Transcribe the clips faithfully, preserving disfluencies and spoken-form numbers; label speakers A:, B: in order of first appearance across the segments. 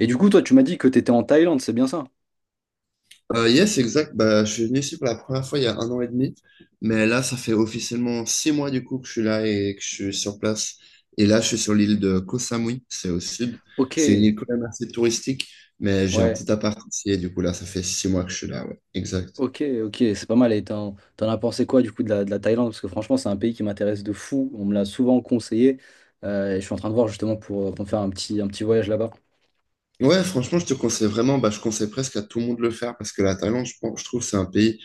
A: Et du coup, toi, tu m'as dit que tu étais en Thaïlande, c'est bien ça?
B: Euh, yes, exact. Bah, je suis venu ici pour la première fois il y a un an et demi, mais là, ça fait officiellement six mois du coup que je suis là et que je suis sur place. Et là, je suis sur l'île de Koh Samui, c'est au sud.
A: Ok,
B: C'est une île quand même assez touristique, mais j'ai un
A: ouais,
B: petit appart ici et du coup là, ça fait six mois que je suis là. Ouais, exact.
A: ok, ok, c'est pas mal. Et t'en, t'en as pensé quoi du coup de la, de la Thaïlande? Parce que franchement, c'est un pays qui m'intéresse de fou. On me l'a souvent conseillé. Euh, et je suis en train de voir justement pour, euh, pour me faire un petit, un petit voyage là-bas.
B: Ouais, franchement, je te conseille vraiment, bah, je conseille presque à tout le monde de le faire parce que la Thaïlande, je pense, je trouve, c'est un pays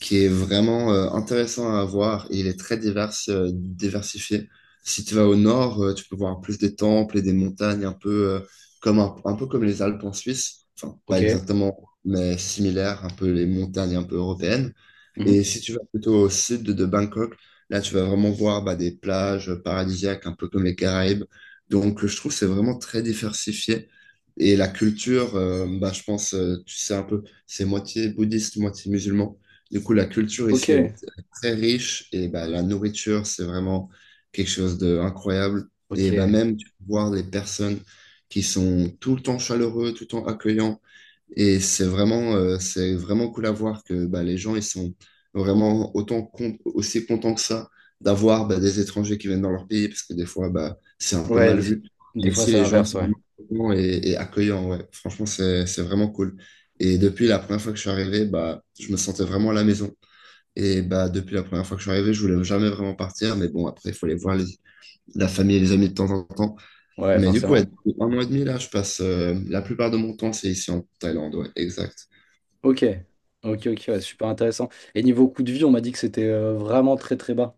B: qui est vraiment euh, intéressant à voir et il est très divers, euh, diversifié. Si tu vas au nord, euh, tu peux voir plus des temples et des montagnes, un peu, euh, comme un, un peu comme les Alpes en Suisse, enfin pas
A: Ok.
B: exactement, mais similaires, un peu les montagnes un peu européennes.
A: Mhm.
B: Et si tu vas plutôt au sud de Bangkok, là tu vas vraiment voir bah, des plages paradisiaques, un peu comme les Caraïbes. Donc euh, je trouve que c'est vraiment très diversifié. Et la culture, euh, bah, je pense, euh, tu sais un peu, c'est moitié bouddhiste, moitié musulman. Du coup, la culture ici elle
A: Ok,
B: est très riche et bah, la nourriture, c'est vraiment quelque chose d'incroyable. Et bah,
A: ok.
B: même tu peux voir les personnes qui sont tout le temps chaleureux, tout le temps accueillants. Et c'est vraiment, euh, c'est vraiment cool à voir que bah, les gens ils sont vraiment autant con- aussi contents que ça d'avoir bah, des étrangers qui viennent dans leur pays, parce que des fois, bah, c'est un peu
A: Ouais,
B: mal
A: des,
B: vu.
A: des
B: Mais
A: fois
B: ici,
A: c'est
B: les gens ils
A: l'inverse,
B: sont
A: ouais.
B: vraiment contents et, et accueillants, ouais. Franchement, c'est, c'est vraiment cool. Et depuis la première fois que je suis arrivé, bah, je me sentais vraiment à la maison. Et bah, depuis la première fois que je suis arrivé, je voulais jamais vraiment partir. Mais bon, après, il faut aller voir les- la famille et les amis de temps en temps.
A: Ouais,
B: Mais du coup, ouais,
A: forcément.
B: depuis un mois et demi, là, je passe euh, la plupart de mon temps, c'est ici en Thaïlande, ouais, exact.
A: Ok, ok, ok, ouais, super intéressant. Et niveau coût de vie, on m'a dit que c'était euh, vraiment très très bas.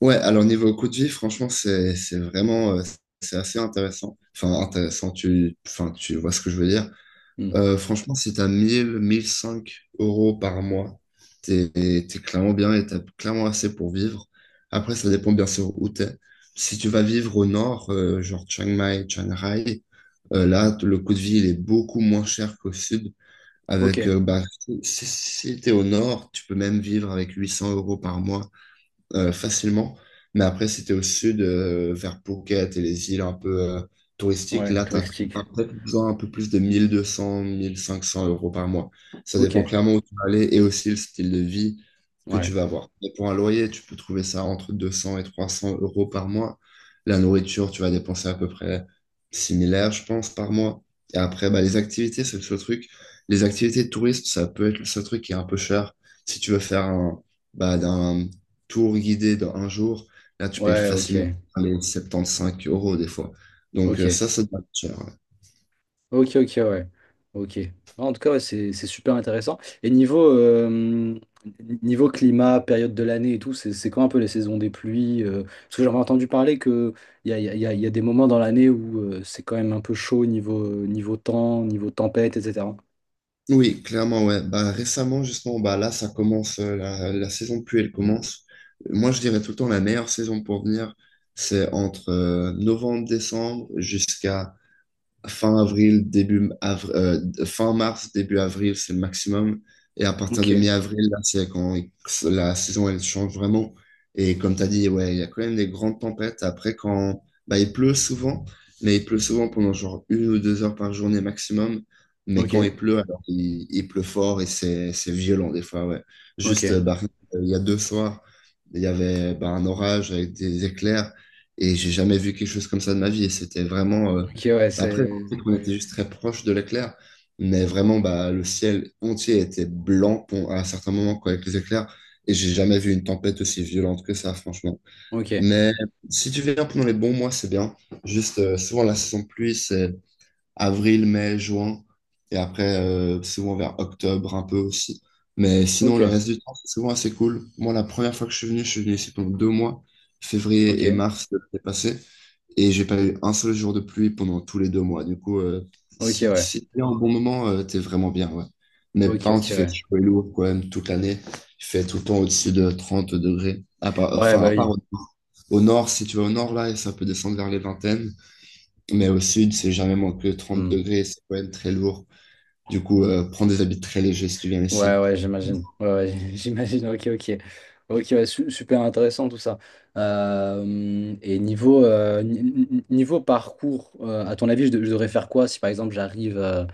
B: Ouais, alors niveau coût de vie, franchement, c'est c'est vraiment euh, c'est assez intéressant. Enfin, intéressant, tu, enfin, tu vois ce que je veux dire.
A: Hmm.
B: Euh, franchement, si t'as mille, mille cinq euros par mois, t'es, t'es clairement bien et t'as clairement assez pour vivre. Après, ça dépend bien sûr où t'es. Si tu vas vivre au nord, euh, genre Chiang Mai, Chiang Rai, euh, là, t- le coût de vie, il est beaucoup moins cher qu'au sud.
A: Ok,
B: Avec, euh, bah, si, si t'es au nord, tu peux même vivre avec huit cents euros par mois euh, facilement. Mais après, si t'es au sud, euh, vers Phuket et les îles un peu euh, touristiques,
A: ouais,
B: là, t'as
A: touristique.
B: un- peut-être besoin un peu plus de mille, mille deux cents, mille cinq cents euros par mois. Ça dépend
A: Ok,
B: clairement où tu vas aller et aussi le style de vie que tu
A: ouais,
B: vas avoir. Et pour un loyer, tu peux trouver ça entre deux cents et trois cents euros par mois. La nourriture, tu vas dépenser à peu près similaire, je pense, par mois. Et après, bah, les activités, c'est le seul truc. Les activités de touristes, ça peut être le seul truc qui est un peu cher. Si tu veux faire un, bah, d'un tour guidé dans un jour, là, tu payes
A: ouais, ok,
B: facilement les soixante-quinze euros des fois. Donc, euh,
A: ok.
B: ça, ça doit être cher. Ouais.
A: Ok, ok, ouais. Ok. En tout cas, ouais, c'est c'est super intéressant. Et niveau, euh, niveau climat, période de l'année et tout, c'est c'est quand un peu les saisons des pluies, euh, Parce que j'avais entendu parler qu'il y a, y a, y a y a des moments dans l'année où euh, c'est quand même un peu chaud niveau, euh, niveau temps, niveau tempête, et cetera.
B: Oui, clairement, ouais. Bah, récemment, justement, bah, là, ça commence, euh, la, la saison de pluie, elle commence. Moi, je dirais tout le temps, la meilleure saison pour venir, c'est entre euh, novembre, décembre jusqu'à fin avril, début avr- euh, fin mars, début avril, c'est le maximum. Et à partir de
A: Ok,
B: mi-avril, là, c'est quand il- la saison elle change vraiment. Et comme tu as dit, ouais, il y a quand même des grandes tempêtes. Après, quand bah, il pleut souvent, mais il pleut souvent pendant genre une ou deux heures par journée maximum. Mais
A: ok,
B: quand il pleut, alors il, il pleut fort et c'est c'est violent des fois, ouais. Juste,
A: ok.
B: euh, bah, euh, il y a deux soirs, il y avait bah, un orage avec des éclairs et j'ai jamais vu quelque chose comme ça de ma vie. Et c'était vraiment euh,
A: Ok, ouais,
B: après,
A: c'est.
B: sais qu'on était juste très proche de l'éclair, mais vraiment, bah, le ciel entier était blanc pour- à certains moments quoi, avec les éclairs. Et j'ai jamais vu une tempête aussi violente que ça, franchement.
A: Ok,
B: Mais si tu viens pendant les bons mois, c'est bien. Juste, euh, souvent, la saison de pluie, c'est avril, mai, juin, et après, euh, souvent vers octobre un peu aussi. Mais sinon,
A: ok,
B: le reste du temps, c'est souvent assez cool. Moi, la première fois que je suis venu, je suis venu ici pendant deux mois,
A: ok,
B: février et mars de l'année passée, et j'ai pas eu un seul jour de pluie pendant tous les deux mois. Du coup, euh,
A: ok,
B: si,
A: ouais.
B: si t'es en bon moment, euh, t'es vraiment bien, ouais. Mais
A: Ok,
B: par
A: ok,
B: contre, il fait
A: ouais.
B: chaud et lourd quand même toute l'année. Il fait tout le temps au-dessus de trente degrés. À part,
A: Ouais,
B: enfin,
A: bah
B: à
A: oui.
B: part au, au nord, si tu vas au nord, là, et ça peut descendre vers les vingtaines. Mais au sud, c'est jamais moins que trente
A: Mmh.
B: degrés, c'est quand même très lourd. Du coup, euh, prends des habits très légers si tu viens
A: Ouais,
B: ici.
A: ouais, j'imagine. Ouais, ouais, j'imagine. Ok, ok. Ok, ouais, su- super intéressant tout ça. Euh, et niveau, euh, ni- ni- niveau parcours, euh, à ton avis, je, de- je devrais faire quoi si par exemple j'arrive euh,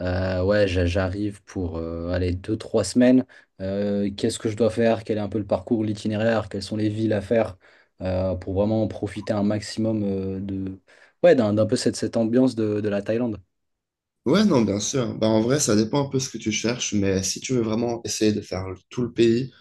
A: euh, ouais, j'a- j'arrive pour euh, aller deux, trois semaines. Euh, qu'est-ce que je dois faire? Quel est un peu le parcours, l'itinéraire? Quelles sont les villes à faire euh, pour vraiment profiter un maximum euh, de ouais, d'un, d'un peu cette, cette ambiance de, de la Thaïlande.
B: Ouais, non, bien sûr. Bah, en vrai, ça dépend un peu ce que tu cherches, mais si tu veux vraiment essayer de faire le- tout le pays.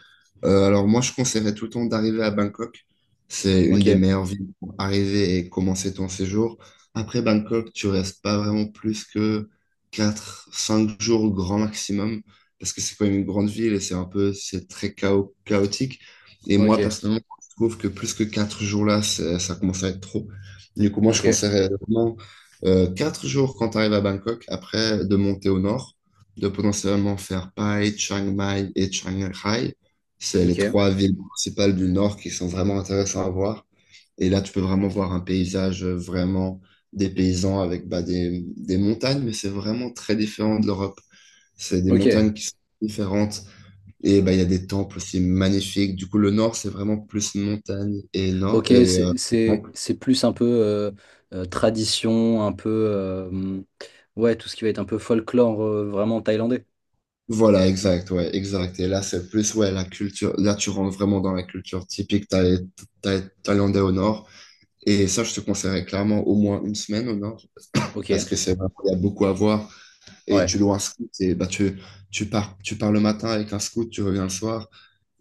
B: Euh, alors moi, je conseillerais tout le temps d'arriver à Bangkok. C'est une des
A: Ok,
B: meilleures villes pour arriver et commencer ton séjour. Après Bangkok, tu restes pas vraiment plus que quatre, cinq jours au grand maximum, parce que c'est quand même une grande ville et c'est un peu, c'est très chao- chaotique. Et
A: ok,
B: moi, personnellement, je trouve que plus que quatre jours là, c'est- ça commence à être trop. Du coup, moi, je
A: ok,
B: conseillerais vraiment euh, quatre jours quand tu arrives à Bangkok, après de monter au nord, de potentiellement faire Pai, Chiang Mai et Chiang Rai. C'est les
A: ok,
B: trois villes principales du Nord qui sont vraiment intéressantes à voir. Et là, tu peux vraiment voir un paysage euh, vraiment des paysans avec bah, des, des montagnes, mais c'est vraiment très différent de l'Europe. C'est des
A: ok.
B: montagnes qui sont différentes. Et bah, il y a des temples aussi magnifiques. Du coup, le Nord, c'est vraiment plus montagne et Nord.
A: Ok,
B: Et, euh,
A: c'est c'est-
B: temple.
A: c'est plus un peu euh, euh, tradition, un peu euh, ouais, tout ce qui va être un peu folklore euh, vraiment thaïlandais.
B: Voilà, exact, ouais, exact. Et là, c'est plus, ouais, la culture. Là, tu rentres vraiment dans la culture typique thaï- thaï- thaïlandaise au Nord. Et ça, je te conseillerais clairement au moins une semaine au Nord.
A: Ok,
B: Parce que c'est vrai qu'il y a beaucoup à voir. Et
A: ouais,
B: tu loues un scout et bah, tu, tu pars, tu pars le matin avec un scout, tu reviens le soir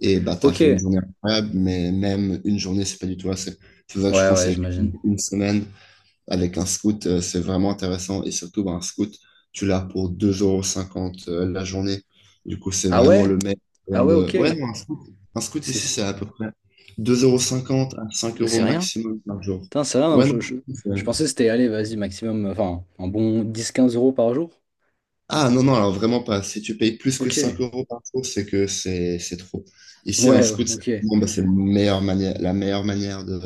B: et bah, tu as
A: ok,
B: fait une
A: ouais,
B: journée incroyable, mais même une journée, c'est pas du tout assez. C'est pour ça que je
A: ouais,
B: conseille qu'une-
A: j'imagine.
B: une semaine avec un scout, euh, c'est vraiment intéressant et surtout bah, un scout, tu l'as pour deux euros cinquante euh, la journée. Du coup, c'est
A: Ah
B: vraiment
A: ouais,
B: le meilleur
A: ah
B: moyen
A: ouais,
B: de...
A: ok,
B: Ouais, non, un scout, un scout ici,
A: c'est
B: c'est à peu près
A: c'est-
B: deux euros cinquante à cinq euros
A: c'est rien.
B: maximum par jour.
A: Putain, c'est rien.
B: Ouais, non,
A: Je, je, je
B: c'est-
A: pensais que c'était allez, vas-y, maximum, enfin, un bon dix quinze euros par jour.
B: Ah non, non, alors vraiment pas. Si tu payes plus que
A: Ok,
B: cinq euros par jour, c'est que c'est c'est trop. Ici, un
A: ouais,
B: scout, c'est
A: ok,
B: bon, bah, c'est la meilleure manière, la meilleure manière de,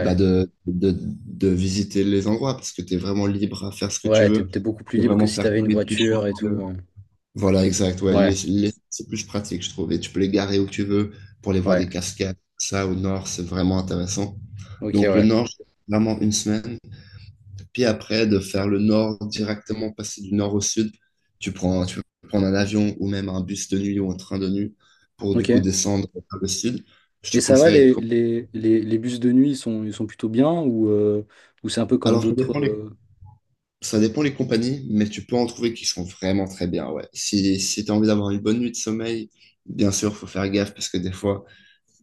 B: bah, de, de, de visiter les endroits parce que tu es vraiment libre à faire ce que tu
A: ouais, t'es
B: veux.
A: t'es beaucoup
B: Tu
A: plus
B: peux
A: libre que
B: vraiment
A: si
B: faire
A: t'avais
B: tous
A: une
B: les petits chemins
A: voiture
B: que
A: et
B: tu
A: tout.
B: veux.
A: euh.
B: Voilà, exact. Ouais, les,
A: Ouais,
B: les- c'est plus pratique, je trouve. Et tu peux les garer où tu veux pour aller voir
A: ouais,
B: des cascades. Ça, au nord, c'est vraiment intéressant.
A: ok,
B: Donc, le
A: ouais,
B: nord, je fais vraiment une semaine. Puis après, de faire le nord directement, passer du nord au sud, tu prends, tu peux prendre un avion ou même un bus de nuit ou un train de nuit pour du coup
A: ok.
B: descendre vers le sud. Je
A: Et
B: te
A: ça va,
B: conseille.
A: les,
B: com-
A: les, les, les bus de nuit, ils sont, ils sont plutôt bien ou, euh, ou c'est un peu comme
B: Alors, ça
A: d'autres.
B: dépend les,
A: euh,
B: ça dépend les compagnies, mais tu peux en trouver qui sont vraiment très bien. Ouais. Si, si tu as envie d'avoir une bonne nuit de sommeil, bien sûr, faut faire gaffe parce que des fois,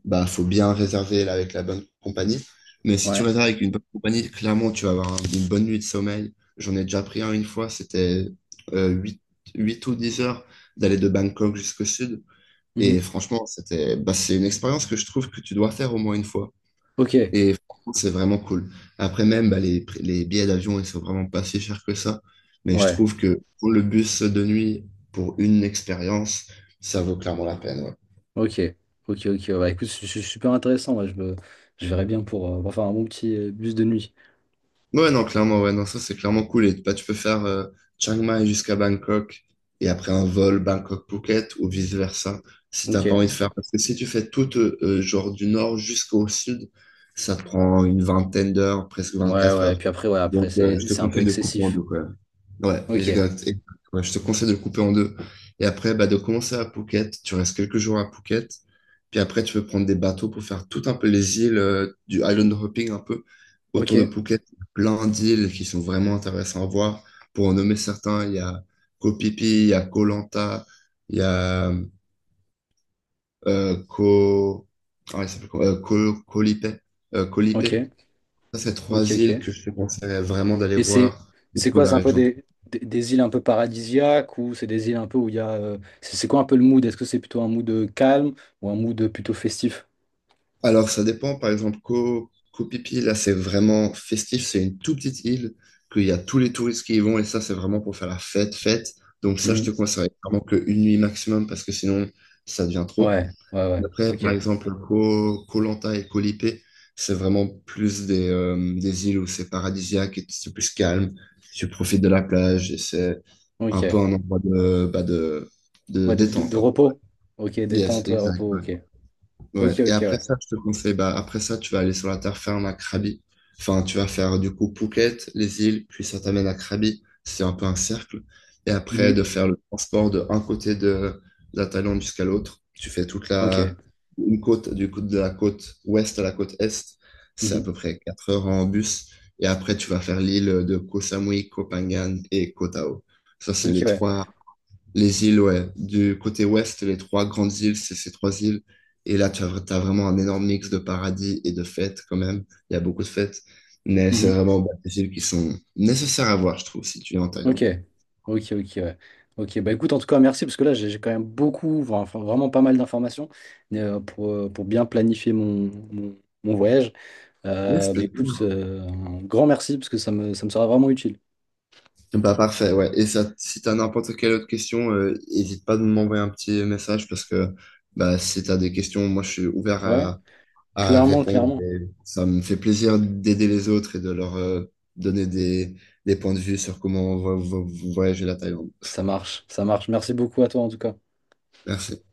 B: bah, faut bien réserver là, avec la bonne compagnie. Mais si tu
A: Ouais.
B: réserves avec une bonne compagnie, clairement, tu vas avoir un- une bonne nuit de sommeil. J'en ai déjà pris un une fois, c'était euh, huit huit ou dix heures d'aller de Bangkok jusqu'au sud. Et
A: Mhm.
B: franchement, c'était, bah, c'est une expérience que je trouve que tu dois faire au moins une fois.
A: Ok.
B: Et franchement, c'est vraiment cool. Après même, bah, les, prix- les billets d'avion, ils sont vraiment pas si chers que ça. Mais je
A: Ouais.
B: trouve que pour le bus de nuit, pour une expérience, ça vaut clairement la peine, ouais.
A: Ok. Ok, ok. Ouais, bah, écoute, c'est c'est super intéressant. Ouais, je me- je verrais bien pour, euh, pour faire un bon petit euh, bus de nuit.
B: Ouais, non, clairement, ouais, non, ça c'est clairement cool. Et bah, tu peux faire euh, Chiang Mai jusqu'à Bangkok, et après un vol Bangkok-Phuket ou vice-versa si t'as pas
A: Ok.
B: envie de faire. Parce que si tu fais tout, euh, euh, genre du nord jusqu'au sud, ça te prend une vingtaine d'heures, presque
A: Ouais,
B: vingt-quatre
A: ouais. Et
B: heures.
A: puis après, ouais, après,
B: Donc, euh,
A: c'est,
B: je te
A: c'est un peu
B: conseille de couper en
A: excessif.
B: deux, quoi. Ouais,
A: Ok.
B: exact. Et- ouais, je te conseille de le couper en deux. Et après, bah, de commencer à Phuket, tu restes quelques jours à Phuket, puis après, tu peux prendre des bateaux pour faire tout un peu les îles, euh, du island hopping un peu. Autour de
A: Ok.
B: Phuket, il y a plein d'îles qui sont vraiment intéressantes à voir. Pour en nommer certains, il y a Koh Phi Phi, il y a Koh Lanta, il y a euh, Koh... Ah, il s'appelle comment? Euh, Koh- Koh Lipe. Euh, Koh
A: Ok.
B: Lipe. Ça, c'est trois
A: Ok,
B: îles
A: ok.
B: que je te conseillerais vraiment d'aller
A: Et c'est,
B: voir
A: c'est
B: autour
A: quoi?
B: de la
A: C'est un peu
B: région.
A: des, des, des îles un peu paradisiaques ou c'est des îles un peu où il y a. euh, C'est c'est quoi un peu le mood? Est-ce que c'est plutôt un mood euh, calme ou un mood euh, plutôt festif?
B: Alors, ça dépend. Par exemple, Koh, Koh Phi Phi, là, c'est vraiment festif. C'est une toute petite île qu'il y a tous les touristes qui y vont. Et ça, c'est vraiment pour faire la fête, fête. Donc, ça, je te
A: Mhm.
B: conseille vraiment qu'une nuit maximum parce que sinon, ça devient trop.
A: Ouais, ouais, ouais.
B: Après,
A: Ok,
B: par exemple, Koh, Koh Lanta et Koh Lipet, c'est vraiment plus des, euh, des îles où c'est paradisiaque et c'est plus calme. Tu profites de la plage et c'est un peu
A: ok.
B: un endroit de, bah, de, de
A: Ouais, de, de,
B: détente,
A: de
B: un peu, ouais.
A: repos. Ok,
B: Yes,
A: détente, ouais,
B: exact,
A: repos,
B: ouais.
A: ok.
B: Ouais.
A: Ok,
B: Et
A: ok,
B: après
A: ouais.
B: ça, je te conseille, bah, après ça, tu vas aller sur la terre ferme à Krabi. Enfin, tu vas faire du coup Phuket, les îles, puis ça t'amène à Krabi. C'est un peu un cercle. Et après,
A: Mhm.
B: de faire le transport de un côté de la Thaïlande jusqu'à l'autre. Tu fais toute la,
A: Ok.
B: une côte, du coup, de la côte ouest à la côte est. C'est à
A: Mhm.
B: peu près quatre heures en bus. Et après, tu vas faire l'île de Koh Samui, Koh Phangan et Koh Tao. Ça, c'est
A: Ok,
B: les
A: ouais.
B: trois les îles, ouais. Du côté ouest, les trois grandes îles, c'est ces trois îles. Et là, tu as, t'as vraiment un énorme mix de paradis et de fêtes quand même. Il y a beaucoup de fêtes. Mais c'est
A: Mhm.
B: vraiment, bah, des îles qui sont nécessaires à voir, je trouve, si tu es en
A: Ok.
B: Thaïlande.
A: Ok, ok, ouais. Ok, bah écoute, en tout cas, merci, parce que là, j'ai j'ai quand même beaucoup, enfin, enfin, vraiment pas mal d'informations euh, pour, euh, pour bien planifier mon, mon, mon voyage.
B: Yes,
A: Euh, bah
B: please.
A: écoute, euh, un grand merci, parce que ça me, ça me sera vraiment utile.
B: Bah, parfait, ouais. Et ça, si tu as n'importe quelle autre question, euh, n'hésite pas de m'envoyer un petit message, parce que bah, si tu as des questions, moi, je suis ouvert
A: Ouais,
B: à à
A: clairement,
B: répondre.
A: clairement.
B: Et ça me fait plaisir d'aider les autres et de leur euh, donner des, des points de vue sur comment vo- vo- voyager la Thaïlande.
A: Ça marche, ça marche. Merci beaucoup à toi, en tout cas.
B: Merci.